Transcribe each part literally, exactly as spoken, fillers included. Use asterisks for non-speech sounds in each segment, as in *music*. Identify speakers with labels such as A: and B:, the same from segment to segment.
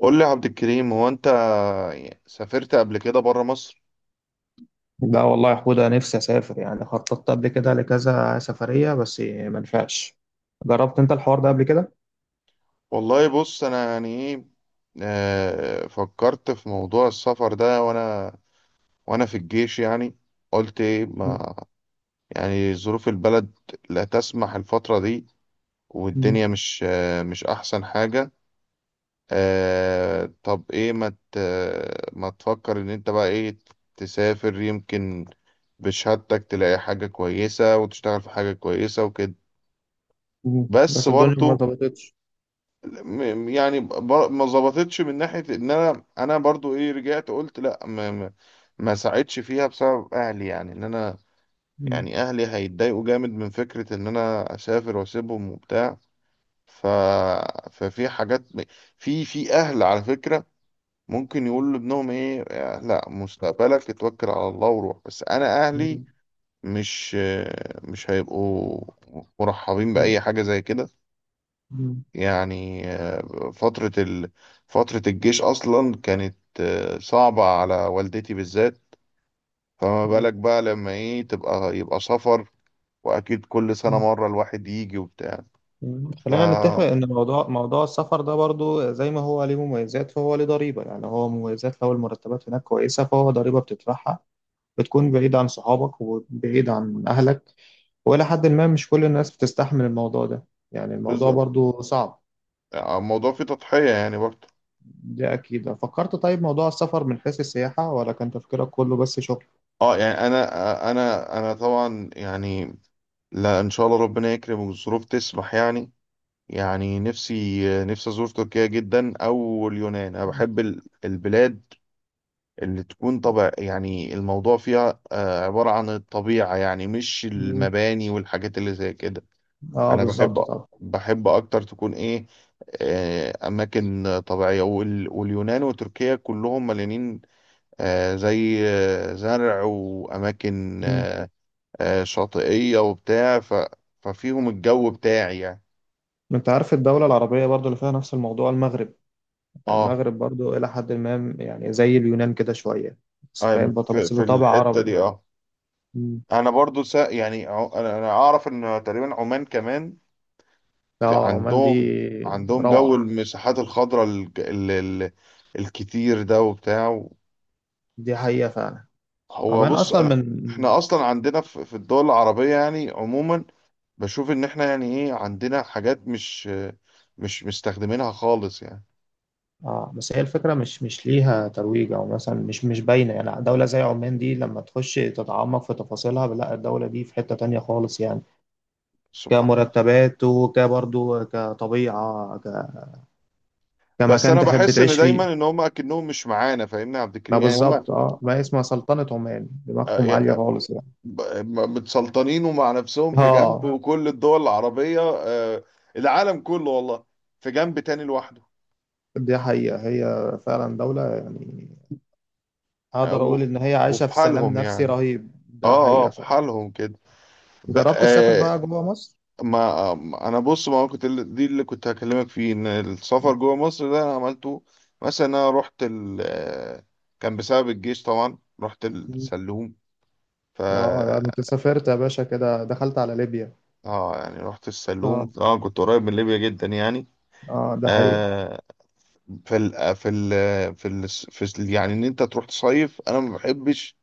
A: قول لي يا عبد الكريم، هو انت سافرت قبل كده بره مصر؟
B: لا والله يا حودة، نفسي أسافر، يعني خططت قبل كده لكذا سفرية بس ما نفعش. جربت أنت الحوار ده قبل كده؟
A: والله بص، انا يعني ايه. آه، فكرت في موضوع السفر ده، وانا وانا في الجيش، يعني قلت ايه.
B: مم.
A: ما يعني ظروف البلد لا تسمح الفترة دي،
B: مم.
A: والدنيا مش آه، مش احسن حاجة. آه، طب ايه، ما ت- ما تفكر ان انت بقى ايه، تسافر يمكن، بشهادتك تلاقي حاجة كويسة وتشتغل في حاجة كويسة وكده.
B: مم.
A: بس
B: بس الدنيا ما
A: برضو،
B: ظبطتش.
A: م- يعني ب- ما ظبطتش من ناحية ان انا، انا برضو ايه، رجعت قلت لا. ما ما ما ساعدش فيها بسبب اهلي، يعني ان انا،
B: مم.
A: يعني اهلي هيتضايقوا جامد من فكرة ان انا اسافر واسيبهم وبتاع. ف ففي حاجات، في في اهل على فكرة ممكن يقول لابنهم ايه: لا، مستقبلك اتوكل على الله وروح. بس انا اهلي
B: مم.
A: مش مش هيبقوا مرحبين
B: مم.
A: بأي حاجة زي كده.
B: مم.
A: يعني آه، فترة ال... فترة الجيش أصلا كانت آه، صعبة على والدتي بالذات، فما بالك بقى لما إيه تبقى يبقى سفر، وأكيد كل سنة
B: مم.
A: مرة الواحد يجي وبتاع.
B: مم.
A: ف
B: خلينا نتفق إن موضوع موضوع السفر ده برضو زي ما هو ليه مميزات، فهو ليه ضريبة، يعني هو مميزات لو المرتبات هناك كويسة فهو ضريبة بتدفعها، بتكون بعيد عن صحابك وبعيد عن أهلك، وإلى حد ما مش كل الناس بتستحمل الموضوع ده، يعني الموضوع
A: بالظبط.
B: برضو صعب.
A: يعني الموضوع فيه تضحية يعني برضه.
B: دي أكيد فكرت. طيب، موضوع السفر من حيث السياحة ولا كان تفكيرك كله بس شغل؟
A: اه يعني، أنا أنا أنا طبعا يعني، لا، إن شاء الله ربنا يكرم والظروف تسمح يعني. يعني نفسي نفسي أزور تركيا جدا، أو اليونان. أنا بحب ال- البلاد اللي تكون طبع، يعني الموضوع فيها آه، عبارة عن الطبيعة، يعني مش
B: مم.
A: المباني والحاجات اللي زي كده.
B: اه
A: أنا
B: بالظبط
A: بحب
B: طبعا.
A: بحب أكتر تكون إيه آه، أماكن طبيعية، وال- واليونان وتركيا كلهم مليانين آه، زي آه، زرع وأماكن
B: مم.
A: آه، آه، شاطئية وبتاع ف- ففيهم الجو بتاعي يعني.
B: انت عارف الدولة العربية برضو اللي فيها نفس الموضوع، المغرب.
A: اه
B: المغرب برضو إلى حد ما، يعني زي اليونان كده شوية، بس فاهم
A: آه،
B: بط-
A: في
B: بس
A: في
B: بطبع
A: الحتة
B: عربي.
A: دي، اه.
B: مم.
A: انا برضو، سا يعني عو- انا أنا اعرف ان تقريبا عمان كمان، في-
B: اه، عمان دي
A: عندهم عندهم جو
B: روعة.
A: المساحات الخضراء، ال- ال- ال- الكتير ده وبتاع.
B: دي حقيقة فعلا.
A: هو
B: عمان
A: بص،
B: أصلا
A: أنا
B: من...
A: احنا اصلا عندنا في في الدول العربية يعني عموما، بشوف ان احنا يعني ايه عندنا حاجات مش مش مستخدمينها خالص يعني.
B: اه بس هي الفكرة مش مش ليها ترويج او مثلا مش مش باينة، يعني دولة زي عمان دي لما تخش تتعمق في تفاصيلها، لا، الدولة دي في حتة تانية خالص يعني،
A: سبحان
B: كمرتبات وكبرضو كطبيعة ك...
A: بس
B: كمكان
A: انا
B: تحب
A: بحس ان
B: تعيش فيه.
A: دايما ان هم اكنهم مش معانا، فاهمني يا عبد
B: لا
A: الكريم، يعني هم
B: بالظبط،
A: آه،
B: اه، ما هي اسمها سلطنة عمان، دماغهم عالية
A: آه،
B: خالص يعني.
A: ب- متسلطنين ومع نفسهم في جنب،
B: اه.
A: وكل الدول العربية آه، العالم كله والله في جنب تاني لوحده.
B: دي حقيقة هي فعلا دولة، يعني
A: آه،
B: اقدر اقول
A: و-
B: ان هي
A: وفي
B: عايشة في سلام
A: حالهم
B: نفسي
A: يعني.
B: رهيب، ده
A: اه اه،
B: حقيقة
A: في
B: فعلا.
A: حالهم كده. ب-
B: جربت تسافر
A: آه
B: بقى جوه مصر؟
A: ما آه، ما- انا بص، ما كنت ال- دي اللي كنت هكلمك فيه، ان السفر جوه مصر ده انا عملته. مثلا انا رحت ال آه، كان بسبب الجيش طبعا، رحت السلوم. ف
B: اه لا، انا كنت سافرت يا باشا كده، دخلت على ليبيا.
A: اه يعني رحت السلوم
B: اه.
A: طبعا، كنت قريب من ليبيا جدا يعني.
B: اه، ده حقيقة.
A: آه في ال في ال في ال في ال- يعني ان انت تروح تصيف، انا ما بحبش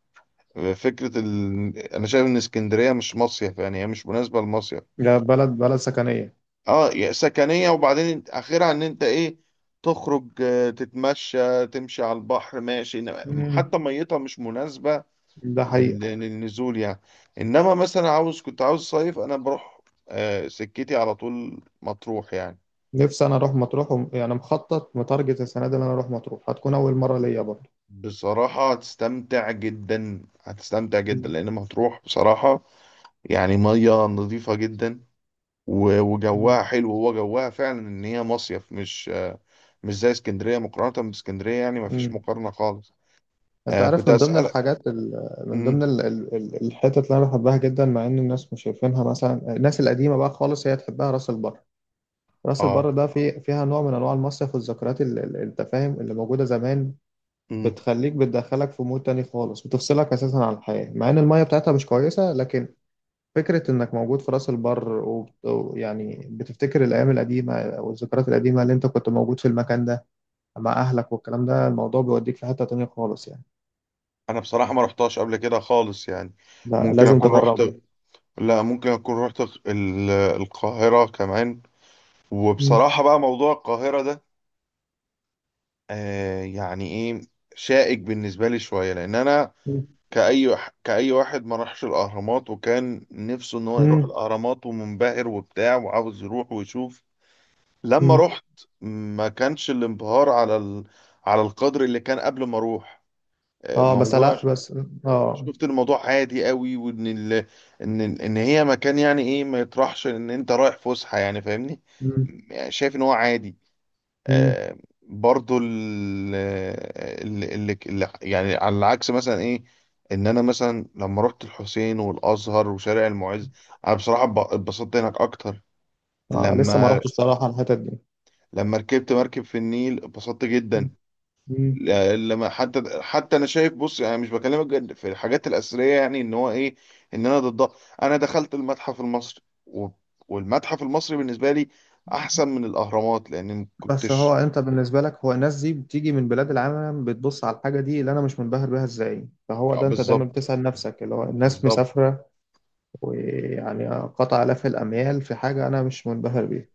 A: فكرة ال... أنا شايف إن اسكندرية مش مصيف، يعني هي مش مناسبة للمصيف.
B: ده بلد بلد سكنية.
A: اه يعني سكنية، وبعدين اخرها ان انت ايه، تخرج آه، تتمشى تمشي على البحر ماشي، إنما-
B: مم.
A: حتى ميتها مش مناسبة
B: ده حقيقة.
A: لل- للنزول يعني. انما مثلا، عاوز كنت عاوز صيف انا بروح آه، سكتي على طول مطروح يعني.
B: نفسي انا اروح مطروح وم- يعني مخطط متارجت السنة دي ان انا اروح مطروح، هتكون اول مرة ليا برضه.
A: بصراحة هتستمتع جدا، هتستمتع جدا،
B: مم.
A: لان مطروح بصراحة يعني مية نظيفة جدا، و-
B: مم.
A: وجوها حلو، هو جوها فعلا ان هي مصيف، مش مش زي اسكندرية، مقارنة باسكندرية يعني مفيش
B: امم
A: مقارنة خالص.
B: انت
A: آه كنت
B: عارف من ضمن
A: أسألك.
B: الحاجات ال... من
A: مم.
B: ضمن ال... ال... ال- الحتت اللي انا بحبها جدا، مع ان الناس مش شايفينها، مثلا الناس القديمه بقى خالص هي تحبها، راس البر. راس
A: اه.
B: البر ده في... فيها نوع من انواع المصيف والذكريات ال... ال- التفاهم اللي موجوده زمان،
A: مم.
B: بتخليك، بتدخلك في مود تاني خالص، بتفصلك اساسا عن الحياه، مع ان الميه بتاعتها مش كويسه. لكن فكره انك موجود في راس البر وبت- ويعني بتفتكر الايام القديمه والذكريات القديمه اللي انت كنت موجود في المكان ده مع اهلك والكلام ده، الموضوع بيوديك في حته تانيه خالص يعني.
A: انا بصراحة ما رحتهاش قبل كده خالص يعني.
B: لا
A: ممكن
B: لازم
A: اكون
B: تجربه.
A: رحت لا، ممكن اكون رحت ال- القاهرة كمان.
B: مم.
A: وبصراحة بقى موضوع القاهرة ده، آه يعني ايه، شائك بالنسبة لي شوية لان انا،
B: مم.
A: كأي كأي واحد ما راحش الاهرامات، وكان نفسه ان هو يروح
B: مم.
A: الاهرامات ومنبهر وبتاع وعاوز يروح ويشوف. لما
B: مم.
A: رحت ما كانش الانبهار على ال... على القدر اللي كان قبل ما اروح. آه،
B: اه بس
A: موضوع
B: لا، بس اه.
A: شفت الموضوع عادي قوي، وان ال... ان ان هي مكان يعني ايه، ما يطرحش ان انت رايح فسحه يعني، فاهمني.
B: مم.
A: يعني شايف ان هو عادي.
B: مم.
A: آه برضو ال... ال... ال... ال... يعني على العكس مثلا ايه، ان انا مثلا لما رحت الحسين والازهر وشارع المعز، انا بصراحه ب- اتبسطت هناك اكتر.
B: اه لسه ما
A: لما
B: رحتش الصراحه الحتت دي.
A: لما ركبت مركب في النيل اتبسطت
B: مم.
A: جدا.
B: مم.
A: لا- لما حتى حتى انا شايف بص، يعني مش بكلمك جد في الحاجات الاثريه، يعني ان هو ايه، ان انا ضدها. انا دخلت المتحف المصري، و- والمتحف المصري بالنسبه لي احسن من الاهرامات، لان ما
B: بس
A: كنتش.
B: هو انت بالنسبه لك، هو الناس دي بتيجي من بلاد العالم بتبص على الحاجه دي اللي انا مش منبهر بيها ازاي، فهو
A: آه،
B: ده انت دايما
A: بالظبط،
B: بتسال نفسك، اللي هو الناس
A: بالظبط.
B: مسافره ويعني قطع الاف الاميال في حاجه انا مش منبهر بيها.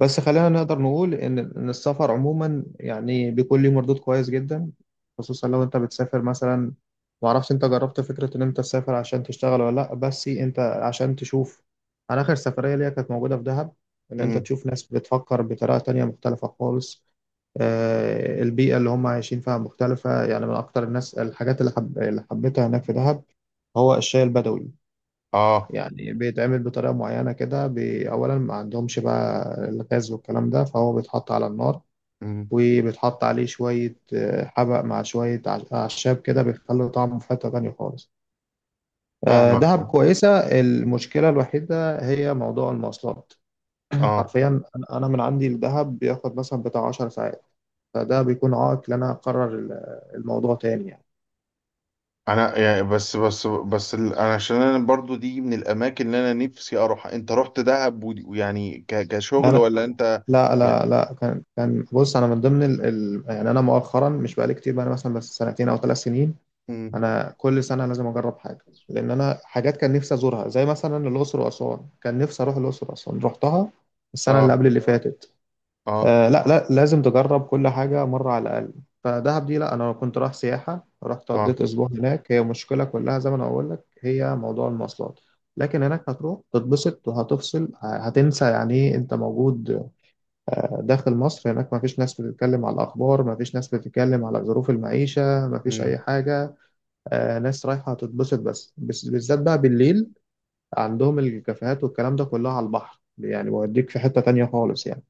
B: بس خلينا نقدر نقول إن إن السفر عموما يعني بيكون ليه مردود كويس جدا، خصوصا لو أنت بتسافر مثلا، معرفش أنت جربت فكرة إن أنت تسافر عشان تشتغل ولا لأ، بس أنت عشان تشوف. أنا آخر سفرية ليا كانت موجودة في دهب. إن أنت
A: امم.
B: تشوف ناس بتفكر بطريقة تانية مختلفة خالص. آه، البيئة اللي هم عايشين فيها مختلفة، يعني من أكتر الناس الحاجات اللي، حب... اللي حبيتها هناك في دهب هو الشاي البدوي.
A: اه.
B: يعني بيتعمل بطريقة معينة كده، بي- أولا ما عندهمش بقى الغاز والكلام ده، فهو بيتحط على النار،
A: امم. آه.
B: وبيتحط عليه شوية آه، حبق مع شوية أع- أعشاب كده، بيخلي طعمه في حتة تانية خالص. آه،
A: فاهمك.
B: دهب كويسة. المشكلة الوحيدة هي موضوع المواصلات. *laughs*
A: اه.
B: حرفيا، أنا أنا من عندي لدهب بياخد مثلا بتاع 10 ساعات، فده بيكون عائق إن أنا أقرر ال- الموضوع تاني يعني.
A: انا يعني، بس بس بس ال- انا عشان انا برضو دي من الاماكن اللي انا نفسي اروح. انت رحت دهب ودي- ويعني ك- كشغل
B: انا،
A: ولا انت؟
B: لا
A: يعني.
B: لا لا كان كان بص، انا من ضمن ال... ال... يعني انا مؤخرا مش بقالي كتير بقى، انا مثلا بس سنتين او ثلاث سنين.
A: امم.
B: انا كل سنه لازم اجرب حاجه، لان انا حاجات كان نفسي ازورها زي مثلا الاقصر واسوان، كان نفسي اروح الاقصر واسوان، رحتها السنه اللي
A: اه
B: قبل اللي فاتت.
A: اه
B: آه لا، لا، لازم تجرب كل حاجه مره على الاقل. فدهب دي لا، انا كنت رايح سياحه، رحت قضيت اسبوع هناك، هي مشكله كلها زي ما انا بقول لك، هي موضوع المواصلات. لكن هناك هتروح تتبسط وهتفصل، هتنسى يعني ايه انت موجود داخل مصر، هناك ما فيش ناس بتتكلم على الأخبار، ما فيش ناس بتتكلم على ظروف المعيشة، ما فيش
A: اه.
B: أي حاجة. آه ناس رايحة تتبسط بس، بس- بالذات بقى بالليل عندهم الكافيهات والكلام ده كله على البحر، يعني بيوديك في حتة تانية خالص يعني.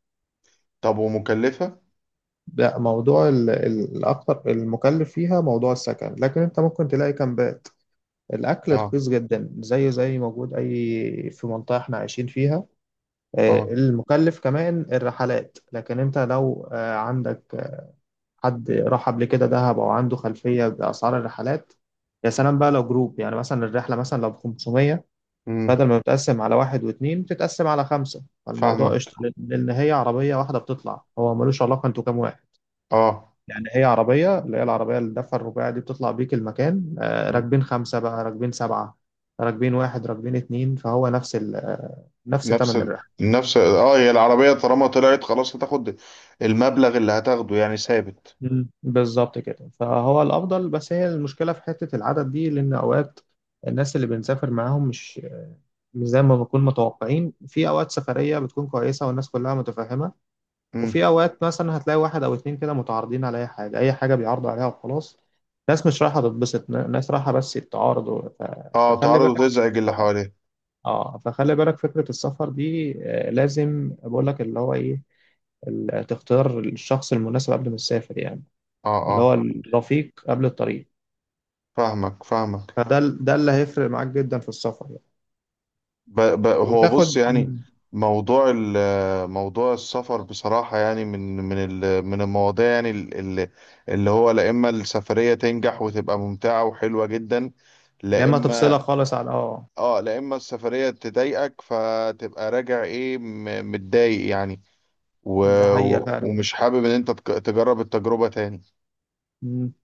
A: طب ومكلفة؟
B: ده موضوع ال- ال- الأكتر المكلف فيها موضوع السكن، لكن أنت ممكن تلاقي كامبات. الأكل
A: اه.
B: رخيص جدا زيه زي موجود أي في منطقة إحنا عايشين فيها. آه،
A: اه.
B: المكلف كمان الرحلات، لكن انت لو آه، عندك حد راح قبل كده دهب او عنده خلفيه باسعار الرحلات. يا سلام بقى لو جروب، يعني مثلا الرحله مثلا لو ب خمسمية،
A: امم.
B: بدل ما بتقسم على واحد واثنين بتتقسم على خمسه، فالموضوع
A: فاهمك.
B: قشطه لان لأن هي عربيه واحده بتطلع، هو ملوش علاقه انتوا كام واحد.
A: اه.
B: يعني هي عربيه، اللي هي العربيه اللي الدفع الرباعي دي، بتطلع بيك المكان آه،
A: مم.
B: راكبين خمسه بقى، راكبين سبعه، راكبين واحد، راكبين اتنين، فهو نفس ال آه، نفس
A: نفس
B: ثمن
A: ال...
B: الرحله.
A: نفس اه هي العربية طالما طلعت خلاص هتاخد المبلغ اللي هتاخده، يعني ثابت.
B: مم. بالظبط كده فهو الافضل، بس هي المشكله في حته العدد دي، لان اوقات الناس اللي بنسافر معاهم مش مش زي ما بنكون متوقعين. في اوقات سفريه بتكون كويسه والناس كلها متفاهمه،
A: امم.
B: وفي اوقات مثلا هتلاقي واحد او اتنين كده متعارضين على اي حاجه، اي حاجه بيعرضوا عليها وخلاص. ناس مش رايحه تتبسط، ن- ناس رايحه بس تعارضوا ف...
A: اه،
B: فخلي
A: تعرض
B: بالك.
A: وتزعج اللي
B: اه.
A: حواليه.
B: آه، فخلي بالك، فكره السفر دي آه، لازم بقول لك اللي هو ايه، ال- تختار الشخص المناسب قبل ما تسافر يعني.
A: اه.
B: اللي
A: اه،
B: هو الرفيق قبل الطريق،
A: فاهمك، فاهمك.
B: فده ال- ده اللي هيفرق معاك جدا في السفر يعني.
A: ب... ب... هو بص
B: وتاخد.
A: يعني،
B: مم.
A: موضوع ال... موضوع السفر بصراحة، يعني من من ال... من المواضيع يعني، اللي, اللي هو، لا اما السفرية تنجح وتبقى ممتعة وحلوة جدا،
B: يا
A: لا
B: اما
A: اما
B: تفصلها خالص عن اه.
A: اه لا اما السفرية تضايقك، فتبقى راجع ايه م- متضايق يعني. و...
B: ده
A: و-
B: حقيقة
A: ومش حابب ان انت تك- تجرب التجربة تاني.
B: فعلا.